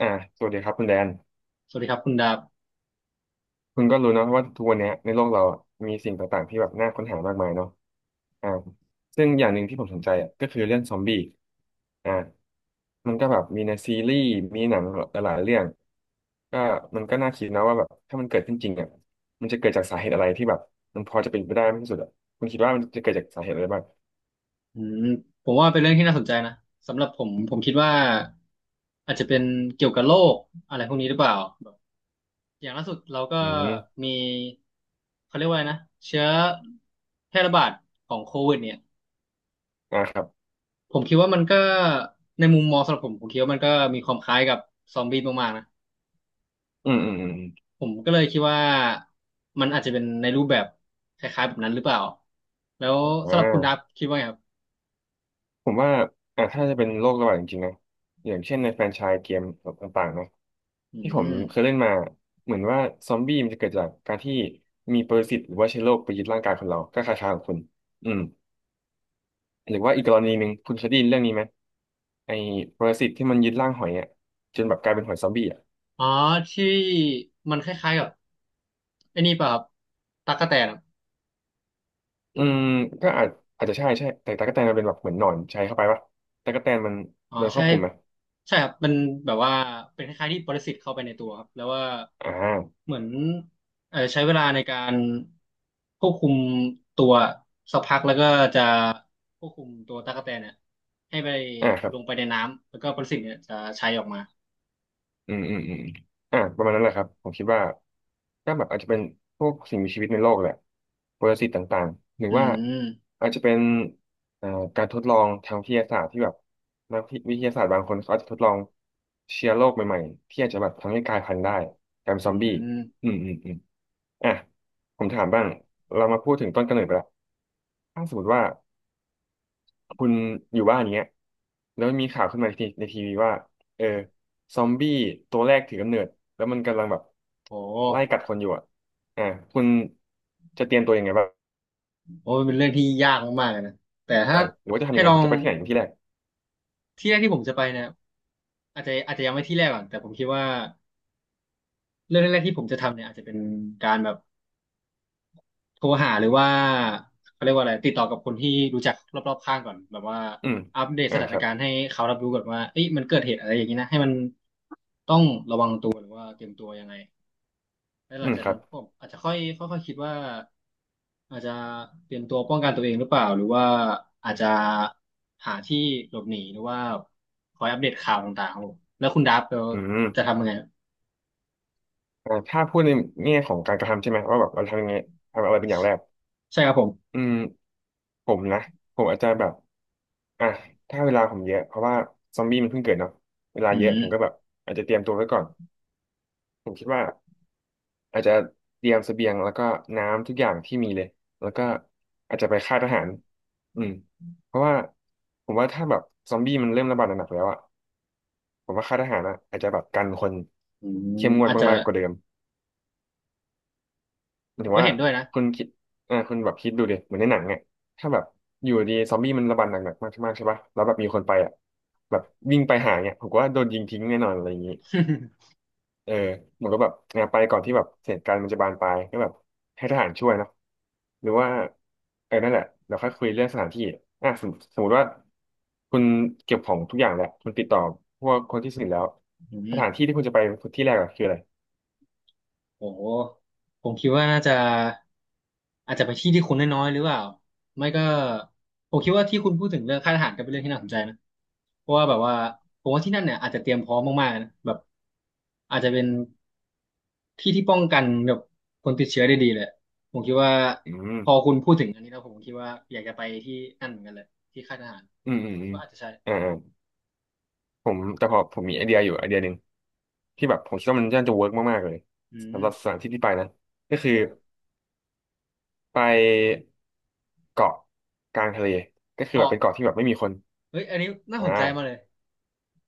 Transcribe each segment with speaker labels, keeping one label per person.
Speaker 1: อ่าสวัสดีครับคุณแดน
Speaker 2: สวัสดีครับคุณดาบ
Speaker 1: คุณก็รู้เนอะว่าทุกวันเนี้ยในโลกเราอะมีสิ่งต่างๆที่แบบน่าค้นหามากมายเนาะอ่าซึ่งอย่างหนึ่งที่ผมสนใจอ่ะก็คือเรื่องซอมบี้อ่ามันก็แบบมีในซีรีส์มีหนังหลายๆเรื่องก็มันก็น่าคิดนะว่าแบบถ้ามันเกิดขึ้นจริงอ่ะมันจะเกิดจากสาเหตุอะไรที่แบบมันพอจะเป็นไปได้มากที่สุดอ่ะคุณคิดว่ามันจะเกิดจากสาเหตุอะไรบ้าง
Speaker 2: อืมผมว่าเป็นเรื่องที่น่าสนใจนะสำหรับผมคิดว่าอาจจะเป็นเกี่ยวกับโรคอะไรพวกนี้หรือเปล่าแบบอย่างล่าสุดเราก็
Speaker 1: อืม
Speaker 2: มีเขาเรียกว่าอะไรนะเชื้อแพร่ระบาดของโควิดเนี่ย
Speaker 1: อ่าครับ
Speaker 2: ผมคิดว่ามันก็ในมุมมองสำหรับผมคิดว่ามันก็มีความคล้ายกับซอมบี้มากๆนะ
Speaker 1: อืมอืมอืม
Speaker 2: ผมก็เลยคิดว่ามันอาจจะเป็นในรูปแบบคล้ายๆแบบนั้นหรือเปล่าแล้ว
Speaker 1: อม
Speaker 2: สำหรับคุณดาบคิดว่าไงครับ
Speaker 1: ผมว่าอ่ะถ้าจะเป็นโรคระบาดจริงๆนะอย่างเช่นในแฟรนไชส์เกมต่างๆนะ
Speaker 2: อื
Speaker 1: ที่ผม
Speaker 2: ม
Speaker 1: เคยเล่นมา เหมือนว่าซอมบี้มันจะเกิดจากการที่มีปรสิตหรือว่าเชื้อโรคไปยึดร่างกายคนเราก็คล้ายๆของคุณอืมหรือว่าอีกกรณีหนึ่งคุณเคยได้ยินเรื่องนี้ไหมไอ้ปรสิตที่มันยึดร่างหอยอ่ะจนแบบกลายเป็นหอยซอมบี้อ่ะ
Speaker 2: อ๋อที่มันคล้ายๆกับไอ้นี่ป่ะครับตั๊กแตนอะ
Speaker 1: อืมก็อาจจะใช่ใช่แต่ตั๊กแตนมันเป็นแบบเหมือนหนอนใช้เข้าไปปะตั๊กแตนมัน
Speaker 2: อ๋อ
Speaker 1: โดนค
Speaker 2: ใช่
Speaker 1: วบคุมไหม
Speaker 2: ใช่ครับมันแบบว่าเป็นคล้ายๆที่ปรสิตเข้าไปในตัวครับแล้วว่า
Speaker 1: อ่า
Speaker 2: เหมือนเออใช้เวลาในการควบคุมตัวสักพักแล้วก็จะควบคุมตัวตั๊กแตนเนี่ยให้ไป
Speaker 1: อ่าครั
Speaker 2: ล
Speaker 1: บ
Speaker 2: งไปในน้ำแล้วก็ปรสิตเนี่ยจะใช้ออกมา
Speaker 1: อืมอืมอืมประมาณนั้นแหละครับผมคิดว่าก็แบบอาจจะเป็นพวกสิ่งมีชีวิตในโลกแหละปรสิตต่างๆหรือ
Speaker 2: อื
Speaker 1: ว่า
Speaker 2: ม
Speaker 1: อาจจะเป็นเอ่อการทดลองทางวิทยาศาสตร์ที่แบบนักวิทยาศาสตร์บางคนเขาอาจจะทดลองเชื้อโรคใหม่ๆที่อาจจะแบบทำให้กลายพันธุ์ได้กลายเป็น
Speaker 2: อื
Speaker 1: ซอมบี้
Speaker 2: ม
Speaker 1: อืมอืมอืมอ่ะผมถามบ้างเรามาพูดถึงต้นกำเนิดไปละถ้าสมมติว่า คุณอยู่บ้านอย่างเงี้ยแล้วมีข่าวขึ้นมาในในทีวีว่าเออซอมบี้ตัวแรกถือกำเนิดแล้วมันกำลังแบบ
Speaker 2: โห
Speaker 1: ไล่กัดคนอยู่อ่ะอ่าคุณจะเตรียมตัวยังไงบ้าง
Speaker 2: โหเป็นเรื่องที่ยากมากๆเลยนะแต่ถ้า
Speaker 1: หรือว่าจะทำ
Speaker 2: ให้
Speaker 1: ยังไง
Speaker 2: ลอ
Speaker 1: หรือ
Speaker 2: ง
Speaker 1: จะไปที่ไหนเป็นที่แรก
Speaker 2: ที่แรกที่ผมจะไปเนี่ย อาจจะยังไม่ที่แรกก่อนแต่ผมคิดว่าเรื่องแรกๆที่ผมจะทำเนี่ยอาจจะเป็นการแบบโทรหาหรือว่าเขาเรียกว่าอะไรติดต่อกับคนที่รู้จักรอบๆข้างก่อนแบบว่า
Speaker 1: อืม
Speaker 2: อัปเดตส
Speaker 1: อ่า
Speaker 2: ถา
Speaker 1: ค
Speaker 2: น
Speaker 1: รับ
Speaker 2: การณ์ให้เขารับรู้ก่อนว่าเอ้ยมันเกิดเหตุอะไรอย่างนี้นะให้มันต้องหรือว่าเตรียมตัวยังไงแล้วห
Speaker 1: อื
Speaker 2: ลัง
Speaker 1: ม
Speaker 2: จาก
Speaker 1: ครั
Speaker 2: นั้
Speaker 1: บ
Speaker 2: นผมอาจจะค่อยค่อยๆคิดว่าอาจจะเตรียมตัวป้องกันตัวเองหรือเปล่าหรือว่าอาจจะหาที่หลบหนีหรือว่าคอยอัปเดตข่าวต่างๆครับผมแล้วคุณดับเรา
Speaker 1: อืม
Speaker 2: จะทำยังไง
Speaker 1: ถ้าพูดในแง่ของการกระทำใช่ไหมว่าแบบเราทำยังไงทำอะไรเป็นอย่างแรก
Speaker 2: ใช่ครับผม
Speaker 1: อืมผมนะผมอาจจะแบบอ่ะถ้าเวลาผมเยอะเพราะว่าซอมบี้มันเพิ่งเกิดเนาะเวลา
Speaker 2: อื
Speaker 1: เยอะ
Speaker 2: ม
Speaker 1: ผมก็แบบอาจจะเตรียมตัวไว้ก่อนผมคิดว่า อาจจะเตรียมเสบียงแล้วก็น้ำทุกอย่างที่มีเลยแล้วก็อาจจะไปค่ายทหารอืมเพราะว่าผมว่าถ้าแบบซอมบี้มันเริ่มระบาดหนักๆแล้วอ่ะผมว่าค่ายทหารอะอาจจะแบบกันคน
Speaker 2: อืม
Speaker 1: เข้มงวด
Speaker 2: อาจจะ
Speaker 1: มากๆกว่าเดิมหมาย
Speaker 2: ผม
Speaker 1: ถึง
Speaker 2: ก็
Speaker 1: ว่า
Speaker 2: เห็นด้วยนะ
Speaker 1: คุณคิดคุณแบบคิดดูดิเหมือนในหนังเนี่ยถ้าแบบอยู่ดีซอมบี้มันระบาดหนักๆมากๆใช่ปะแล้วแบบมีคนไปอ่ะแบบวิ่งไปหาเนี่ยผมว่าโดนยิงทิ้งแน่นอนอะไรอย่างนี้ เออเหมือนก็แบบเออไปก่อนที่แบบเหตุการณ์มันจะบานปลายก็แบบให้ทหารช่วยเนอะหรือว่าเออนั่นแหละเราค่อยคุยเรื่องสถานที่อ่ะสมมติว่าคุณเก็บของทุกอย่างแล้วคุณติดต่อพวกคนที่สนิทแล้ว
Speaker 2: อื
Speaker 1: สถานที่
Speaker 2: ม
Speaker 1: ที่คุณจะไปที่แรกอะคืออะไร
Speaker 2: โอ้โหผมคิดว่าน่าจะอาจจะไปที่ที่คนน้อยๆหรือเปล่าไม่ก็ผมคิดว่าที่คุณพูดถึงเรื่องค่ายทหารก็เป็นเรื่องที่น่าสนใจนะเพราะว่าแบบว่าผมว่าที่นั่นเนี่ยอาจจะเตรียมพร้อมมากๆนะแบบอาจจะเป็นที่ที่ป้องกันแบบคนติดเชื้อได้ดีเลยผมคิดว่า
Speaker 1: อืม
Speaker 2: ถึงอันนี้แล้วผมคิดว่าอยากจะไปที่นั่นเหมือนกันเลยที่ค่ายทหาร
Speaker 1: อืมอืมอืม
Speaker 2: ก็อาจจะใช่
Speaker 1: อ่าอ่าผมแต่พอผมมีไอเดียอยู่ไอเดียหนึ่งที่แบบผมคิดว่ามันน่าจะเวิร์กมากๆเลย
Speaker 2: อืม
Speaker 1: สำหรับสถานที่ที่ไปนะก็คือ
Speaker 2: ครับผม
Speaker 1: ไปเกาะกลางทะเลก็คือแบบ
Speaker 2: เกาะ
Speaker 1: เป็นเกาะที่แบบไม่มีคน
Speaker 2: เฮ้ยอันนี้น่า
Speaker 1: อ่
Speaker 2: สนใจมากเล
Speaker 1: า
Speaker 2: ย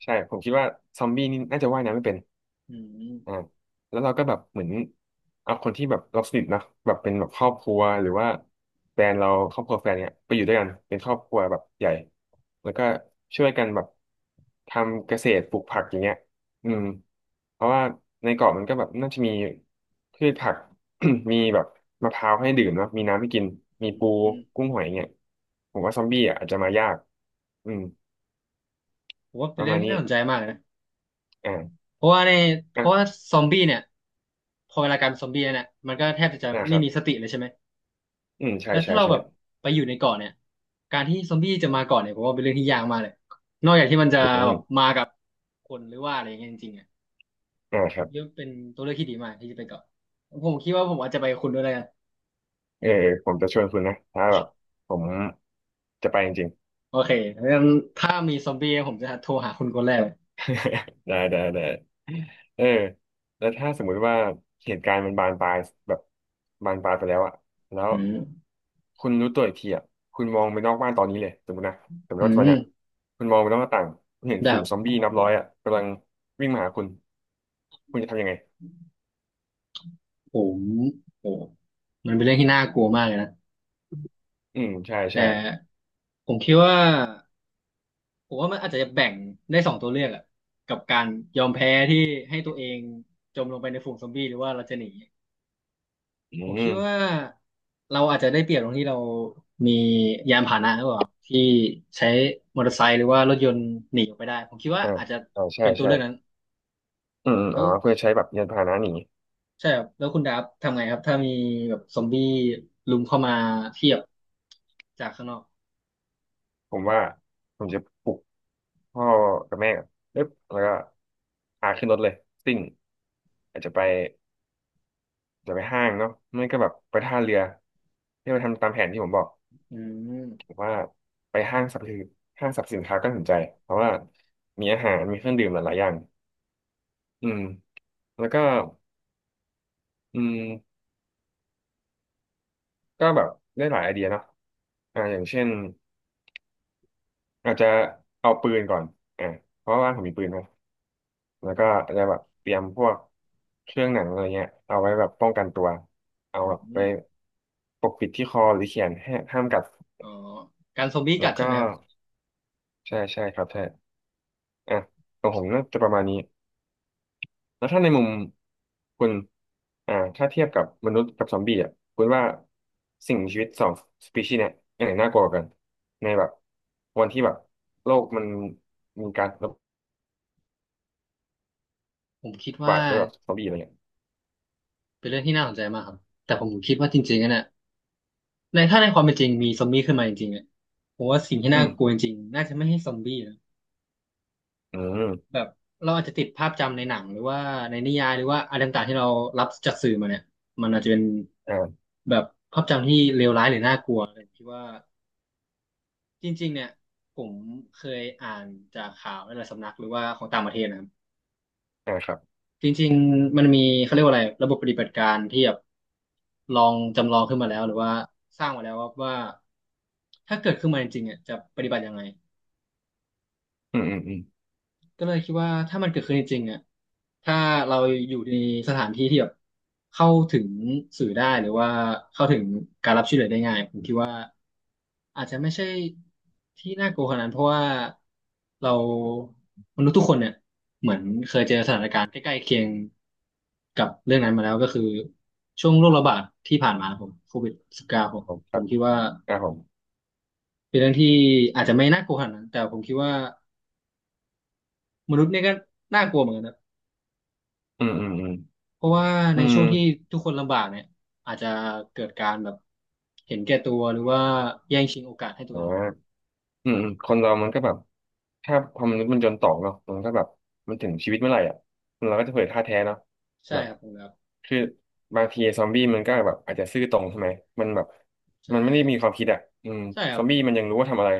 Speaker 1: ใช่ผมคิดว่าซอมบี้นี่น่าจะว่ายน้ำไม่เป็น
Speaker 2: อื
Speaker 1: อ่า
Speaker 2: ม
Speaker 1: แล้วเราก็แบบเหมือนเอาคนที่แบบเราสนิทนะแบบเป็นแบบครอบครัวหรือว่าแฟนเราครอบครัวแฟนเนี่ยไปอยู่ด้วยกันเป็นครอบครัวแบบใหญ่แล้วก็ช่วยกันแบบทำเกษตรปลูกผักอย่างเงี้ยอืมเพราะว่าในเกาะมันก็แบบน่าจะมีพืชผัก มีแบบมะพร้าวให้ดื่มเนอะมีน้ำให้กินมี
Speaker 2: อื
Speaker 1: ปู
Speaker 2: ม
Speaker 1: กุ้งหอยเงี้ยผมว่าซอมบี้อ่ะอาจจะมายากอืม
Speaker 2: ผมว่า
Speaker 1: ป
Speaker 2: เป็น
Speaker 1: ระ
Speaker 2: เรื่อ
Speaker 1: มา
Speaker 2: ง
Speaker 1: ณ
Speaker 2: ที่
Speaker 1: นี้
Speaker 2: น่าสนใจมากเลยนะ
Speaker 1: อ่า
Speaker 2: เพราะว่าในเพราะว่า
Speaker 1: อ่ะ
Speaker 2: ซอมบี้เนี่ยพอเวลากลายเป็นซอมบี้แล้วเนี่ยมันก็แทบจะ
Speaker 1: นะค
Speaker 2: ไม่
Speaker 1: รับ
Speaker 2: มีสติเลยใช่ไหม
Speaker 1: อืมใช่
Speaker 2: แล้ว
Speaker 1: ใช่
Speaker 2: ถ้าเรา
Speaker 1: ใช่
Speaker 2: แบบไปอยู่ในเกาะเนี่ยการที่ซอมบี้จะมาเกาะเนี่ยผมว่าเป็นเรื่องที่ยากมากเลยนอกจากที่มันจะ
Speaker 1: อื
Speaker 2: แบ
Speaker 1: ม
Speaker 2: บมาคนหรือว่าอะไรอย่างเงี้ยจริงๆอ่ะ
Speaker 1: อ่าค
Speaker 2: ผ
Speaker 1: รั
Speaker 2: ม
Speaker 1: บ
Speaker 2: คิดว่าเป็นตัวเลือกที่ดีมากที่จะไปเกาะผมคิดว่าผมอาจจะไปคุณด้วยแล้วกัน
Speaker 1: เออผมจะชวนคุณนะถ้าแบบผมจะไปจริง
Speaker 2: โอเคงั้นถ้ามีซอมบี้ผมจะโทรหาคุณคนแรกเลย
Speaker 1: ๆ ได้ได้ได้เออแล้วถ้าสมมุติว่าเหตุการณ์มันบานปลายแบบบานปลายไปแล้วอะแล้ว
Speaker 2: อืม
Speaker 1: คุณรู้ตัวอีกทีอะคุณมองไปนอกบ้านตอนนี้เลยสมมตินะสมม
Speaker 2: อื
Speaker 1: ติว่าตอ
Speaker 2: ม
Speaker 1: นเนี้ยคุณมองไปนอกหน้าต่างคุณเห็นฝู
Speaker 2: แบบ
Speaker 1: งซอมบี้นับร้อยอะกำลังวิ่งมาหาคุณคุณจะทำยังไง
Speaker 2: ผมโอ้มันเป็นเรื่องที่น่ากลัวมากเลยนะ
Speaker 1: อืมใช่
Speaker 2: แต่
Speaker 1: ใช่
Speaker 2: ผมคิดว่าผมว่ามันอาจจะแบ่งได้สองตัวเลือกอะกับการยอมแพ้ที่ให้ตัวเองจมลงไปในฝูงซอมบี้หรือว่าเราจะหนี
Speaker 1: อื
Speaker 2: ผมคิ
Speaker 1: ม
Speaker 2: ดว่าเราอาจจะได้เปรียบตรงที่เรามียานพาหนะหรือเปล่าที่ใช้มอเตอร์ไซค์หรือว่ารถยนต์หนีออกไปได้ผมคิดว่า
Speaker 1: อ่า
Speaker 2: อาจจะ
Speaker 1: อ่าใช่
Speaker 2: เป็นตัว
Speaker 1: ใช่
Speaker 2: เลือกนั้น
Speaker 1: อืมอมอ๋
Speaker 2: แล้
Speaker 1: อ
Speaker 2: ว
Speaker 1: เพื่อใช้แบบยานพาหนะหนี
Speaker 2: ใช่ครับแล้วคุณดาบทำไงครับถ้ามีแบบซอมบี้ลุมเข้ามาเทียบจากข้างนอก
Speaker 1: ผมว่าผมจะปลุกพ่อกับแม่ก่อนปึ๊บแล้วก็พาขึ้นรถเลยซิ่งอาจจะไปห้างเนาะไม่ก็แบบไปท่าเรือที่มาทำตามแผนที่ผมบอก
Speaker 2: อื
Speaker 1: ผม
Speaker 2: ม
Speaker 1: ว่าไปห้างสรรพสินค้าก็สนใจ เพราะว่ามีอาหารมีเครื่องดื่มหลายๆอย่างอืมแล้วก็อืมก็แบบได้หลายไอเดียเนาะอย่างเช่นอาจจะเอาปืนก่อนอ่าเพราะว่าบ้านผมมีปืนนะ แล้วก็อาจจะแบบเตรียมพวกเครื่องหนังอะไรเงี้ยเอาไว้แบบป้องกันตัวเอาแบบ
Speaker 2: อื
Speaker 1: ไป
Speaker 2: ม
Speaker 1: ปกปิดที่คอหรือเขียนให้ห้ามกัด
Speaker 2: อ๋อการซอมบี้
Speaker 1: แล้
Speaker 2: กั
Speaker 1: ว
Speaker 2: ดใช่
Speaker 1: ก็
Speaker 2: ไหมครับ
Speaker 1: ใช่ใช่ครับใช่อ่ะของผมน่าจะประมาณนี้แล้วถ้าในมุมคุณถ้าเทียบกับมนุษย์กับซอมบี้อ่ะคุณว่าสิ่งมีชีวิตสองสปีชีส์เนี่ยอันไหนน่ากลัวกว่ากันในแบบวันที่แบบโลกมันมีการระ
Speaker 2: ผมคิดว่า
Speaker 1: บาดด้วยแบบซ อมบี้อะไรเงี้ย
Speaker 2: เป็นเรื่องที่น่าสนใจมากครับแต่ผมคิดว่าจริงๆอะเนี่ยในถ้าในความเป็นจริงมีซอมบี้ขึ้นมาจริงๆเนี่ยผมว่าสิ่งที่
Speaker 1: อื
Speaker 2: น่า
Speaker 1: ม
Speaker 2: กลัวจริงๆน่าจะไม่ให้ซอมบี้นะ
Speaker 1: อืม
Speaker 2: แบบเราอาจจะติดภาพจำในหนังหรือว่าในนิยายหรือว่าอะไรต่างๆที่เรารับจากสื่อมาเนี่ยมันอาจจะเป็น
Speaker 1: อ่า
Speaker 2: แบบภาพจำที่เลวร้ายหรือน่ากลัวแต่ผมคิดว่าจริงๆเนี่ยผมเคยอ่านจากข่าวในหลายสำนักหรือว่าของต่างประเทศนะ
Speaker 1: อ่าครับ
Speaker 2: จริงๆมันมีเขาเรียกว่าอะไรระบบปฏิบัติการที่แบบลองจำลองขึ้นมาแล้วหรือว่าสร้างมาแล้วว่าถ้าเกิดขึ้นมาจริงๆอ่ะจะปฏิบัติยังไง
Speaker 1: อืมอืมอืม
Speaker 2: ก็เลยคิดว่าถ้ามันเกิดขึ้นจริงๆอ่ะถ้าเราอยู่ในสถานที่ที่แบบเข้าถึงสื่อได้หรือว่าเข้าถึงการรับช่วยเหลือได้ง่ายผมคิดว่าอาจจะไม่ใช่ที่น่ากลัวขนาดนั้นเพราะว่าเรามนุษย์ทุกคนเนี่ย ใกล้ๆเคียงกับเรื่องนั้นมาแล้วก็คือช่วงโรคระบาดที่ผ่านมาผมCOVID-19ผม
Speaker 1: ครับ ค
Speaker 2: ผ
Speaker 1: ร
Speaker 2: มคิดว่า
Speaker 1: ับผม
Speaker 2: เป็นเรื่องที่อาจจะไม่น่ากลัวขนาดนั้นแต่ผมคิดว่ามนุษย์เนี่ยก็น่ากลัวเหมือนกันนะ
Speaker 1: อืมอืมอืม
Speaker 2: เพราะว่าใน
Speaker 1: อื
Speaker 2: ช่
Speaker 1: ม
Speaker 2: วงที่ทุกคนลำบากเนี่ยอาจจะเกิดการแบบเห็นแก่ตัวหรือว่าแย่งชิงโอกาสให้ตั
Speaker 1: แต่
Speaker 2: วเอง
Speaker 1: ว่าอืมอืมคนเรามันก็แบบ ถ้าพอมันษย์มันจนตอกเนาะมันก็แบบมันถึงชีวิตเมื่อไหร่อ่ะเราก็จะเผยท่าแท้เนาะ
Speaker 2: ใช่
Speaker 1: แบบ
Speaker 2: ครับผมครับ
Speaker 1: คือบางทีซอมบี้มันก็แบบอาจจะซื่อตรงใช่ไหมมันแบบ
Speaker 2: ใช่
Speaker 1: มันไม่ได้มีความคิดอ่ะอืม
Speaker 2: ใช่ค
Speaker 1: ซ
Speaker 2: รับ
Speaker 1: อมบี้มันยังรู้ว่าทำอะไร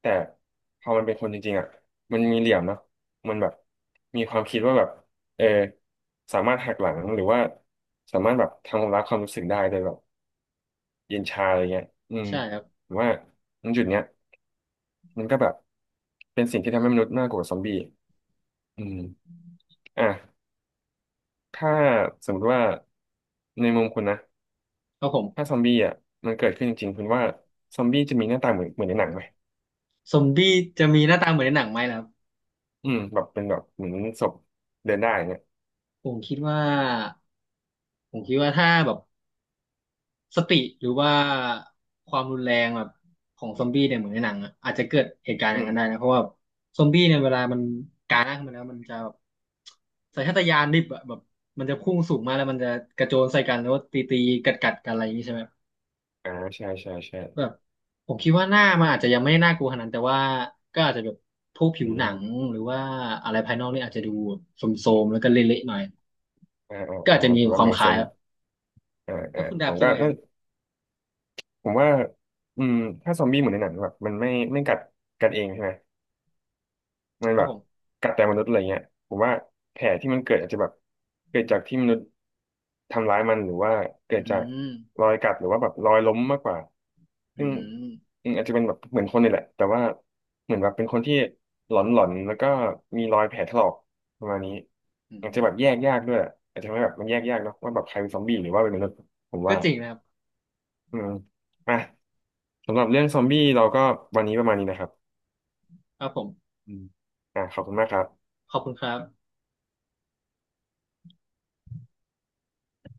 Speaker 1: แต่พอมันเป็นคนจริงๆอ่ะมันมีเหลี่ยมเนาะมันแบบมีความคิดว่าแบบเออสามารถหักหลังหรือว่าสามารถแบบทำลายความรู้สึกได้โดยแบบ เย็นชาอะไรเงี้ยอืม
Speaker 2: ใช่ครับ
Speaker 1: ผมว่าตรงจุดเนี้ยมันก็แบบเป็นสิ่งที่ทำให้มนุษย์น่ากลัวกว่าซอมบี้อืมอ่ะถ้าสมมติว่าในมุมคุณนะ
Speaker 2: ครับผ
Speaker 1: ถ้า
Speaker 2: ม
Speaker 1: ซอมบี้อ่ะมันเกิดขึ้นจริงๆคุณว่าซอมบี้จะมีหน้าตาเหมือนในหนังไหม
Speaker 2: ซอมบี้จะมีหน้าตาเหมือนในหนังไหมล่ะครับ
Speaker 1: อืมแบบเป็นแบบเหมือนศพเดินได้เนี่ย
Speaker 2: ผมคิดว่าผมคิดว่าถ้าแบบ สติหรือว่าความรุนแรงแบบของซอมบี้เนี่ยเหมือนในหนังอะอาจจะเกิดเหตุการณ์อ
Speaker 1: อื
Speaker 2: ย่าง
Speaker 1: ม
Speaker 2: นั้นได้นะเพราะว่าซอมบี้เนี่ยเวลามันการ่าขึ้นมาแล้วมันจะแบบสัญชาตญาณดิบอะแบบมันจะพุ่งสูงมาแล้วมันจะกระโจนใส่กันแล้วตีตีกัดกัดๆกันอะไรอย่างนี้ใช่ไหม
Speaker 1: อ่าใช่ใช่ใช่
Speaker 2: แบบผมคิดว่าหน้ามันอาจจะยังไม่ได้น่ากลัวขนาดนั้นแต่ว่าก็อาจจะแบบพวกผิ
Speaker 1: อื
Speaker 2: วหนัง
Speaker 1: ม
Speaker 2: หรือว่าอะไรภายนอกนี่อาจจะดูโทรมๆแล้วก็เละๆหน่อย
Speaker 1: อ่าอ่า
Speaker 2: ก็อา
Speaker 1: อ่า
Speaker 2: จจะมี
Speaker 1: ถือ
Speaker 2: ค
Speaker 1: ว่า
Speaker 2: วามค
Speaker 1: make
Speaker 2: ล้าย
Speaker 1: sense
Speaker 2: อะ
Speaker 1: อ่า
Speaker 2: แล้
Speaker 1: อ่า
Speaker 2: วคุณ
Speaker 1: ผ
Speaker 2: ดาบ
Speaker 1: ม
Speaker 2: คิด
Speaker 1: ก็
Speaker 2: ว่าไง
Speaker 1: น่า
Speaker 2: ครับ
Speaker 1: ผมว่าอืมถ้าซอมบี้เหมือนในหนังแบบมันไม่กัดกันเองใช่ไหม มัน
Speaker 2: ครั
Speaker 1: แบ
Speaker 2: บ
Speaker 1: บ
Speaker 2: ผม
Speaker 1: กัดแต่มนุษย์อะไรเงี้ยผมว่าแผลที่มันเกิดอาจจะแบบเกิดจากที่มนุษย์ทำร้ายมันหรือว่าเกิ
Speaker 2: อื
Speaker 1: ดจาก
Speaker 2: ม
Speaker 1: รอยกัดหรือว่าแบบรอยล้มมากกว่า
Speaker 2: อื
Speaker 1: ซึ่ง
Speaker 2: ม
Speaker 1: อืมอาจจะเป็นแบบเหมือนคนนี่แหละแต่ว่าเหมือนแบบเป็นคนที่หลอนแล้วก็มีรอยแผลถลอกประมาณนี้
Speaker 2: อื
Speaker 1: อาจจะแบบแย
Speaker 2: ม
Speaker 1: กยากด้วยอาจจะไม่แบบมันแยกยากเนาะว่าแบบใครเป็นซอมบี้หรือว่าเป็นมนุษย์ผม
Speaker 2: ก็
Speaker 1: ว่า
Speaker 2: จริงนะครับ
Speaker 1: อืมอ่ะสำหรับเรื่องซอมบี้เราก็วันนี้ประมาณนี้นะครับ
Speaker 2: ครับผม
Speaker 1: อืมอ่ะขอบคุณมากครับ
Speaker 2: ขอบคุณครับ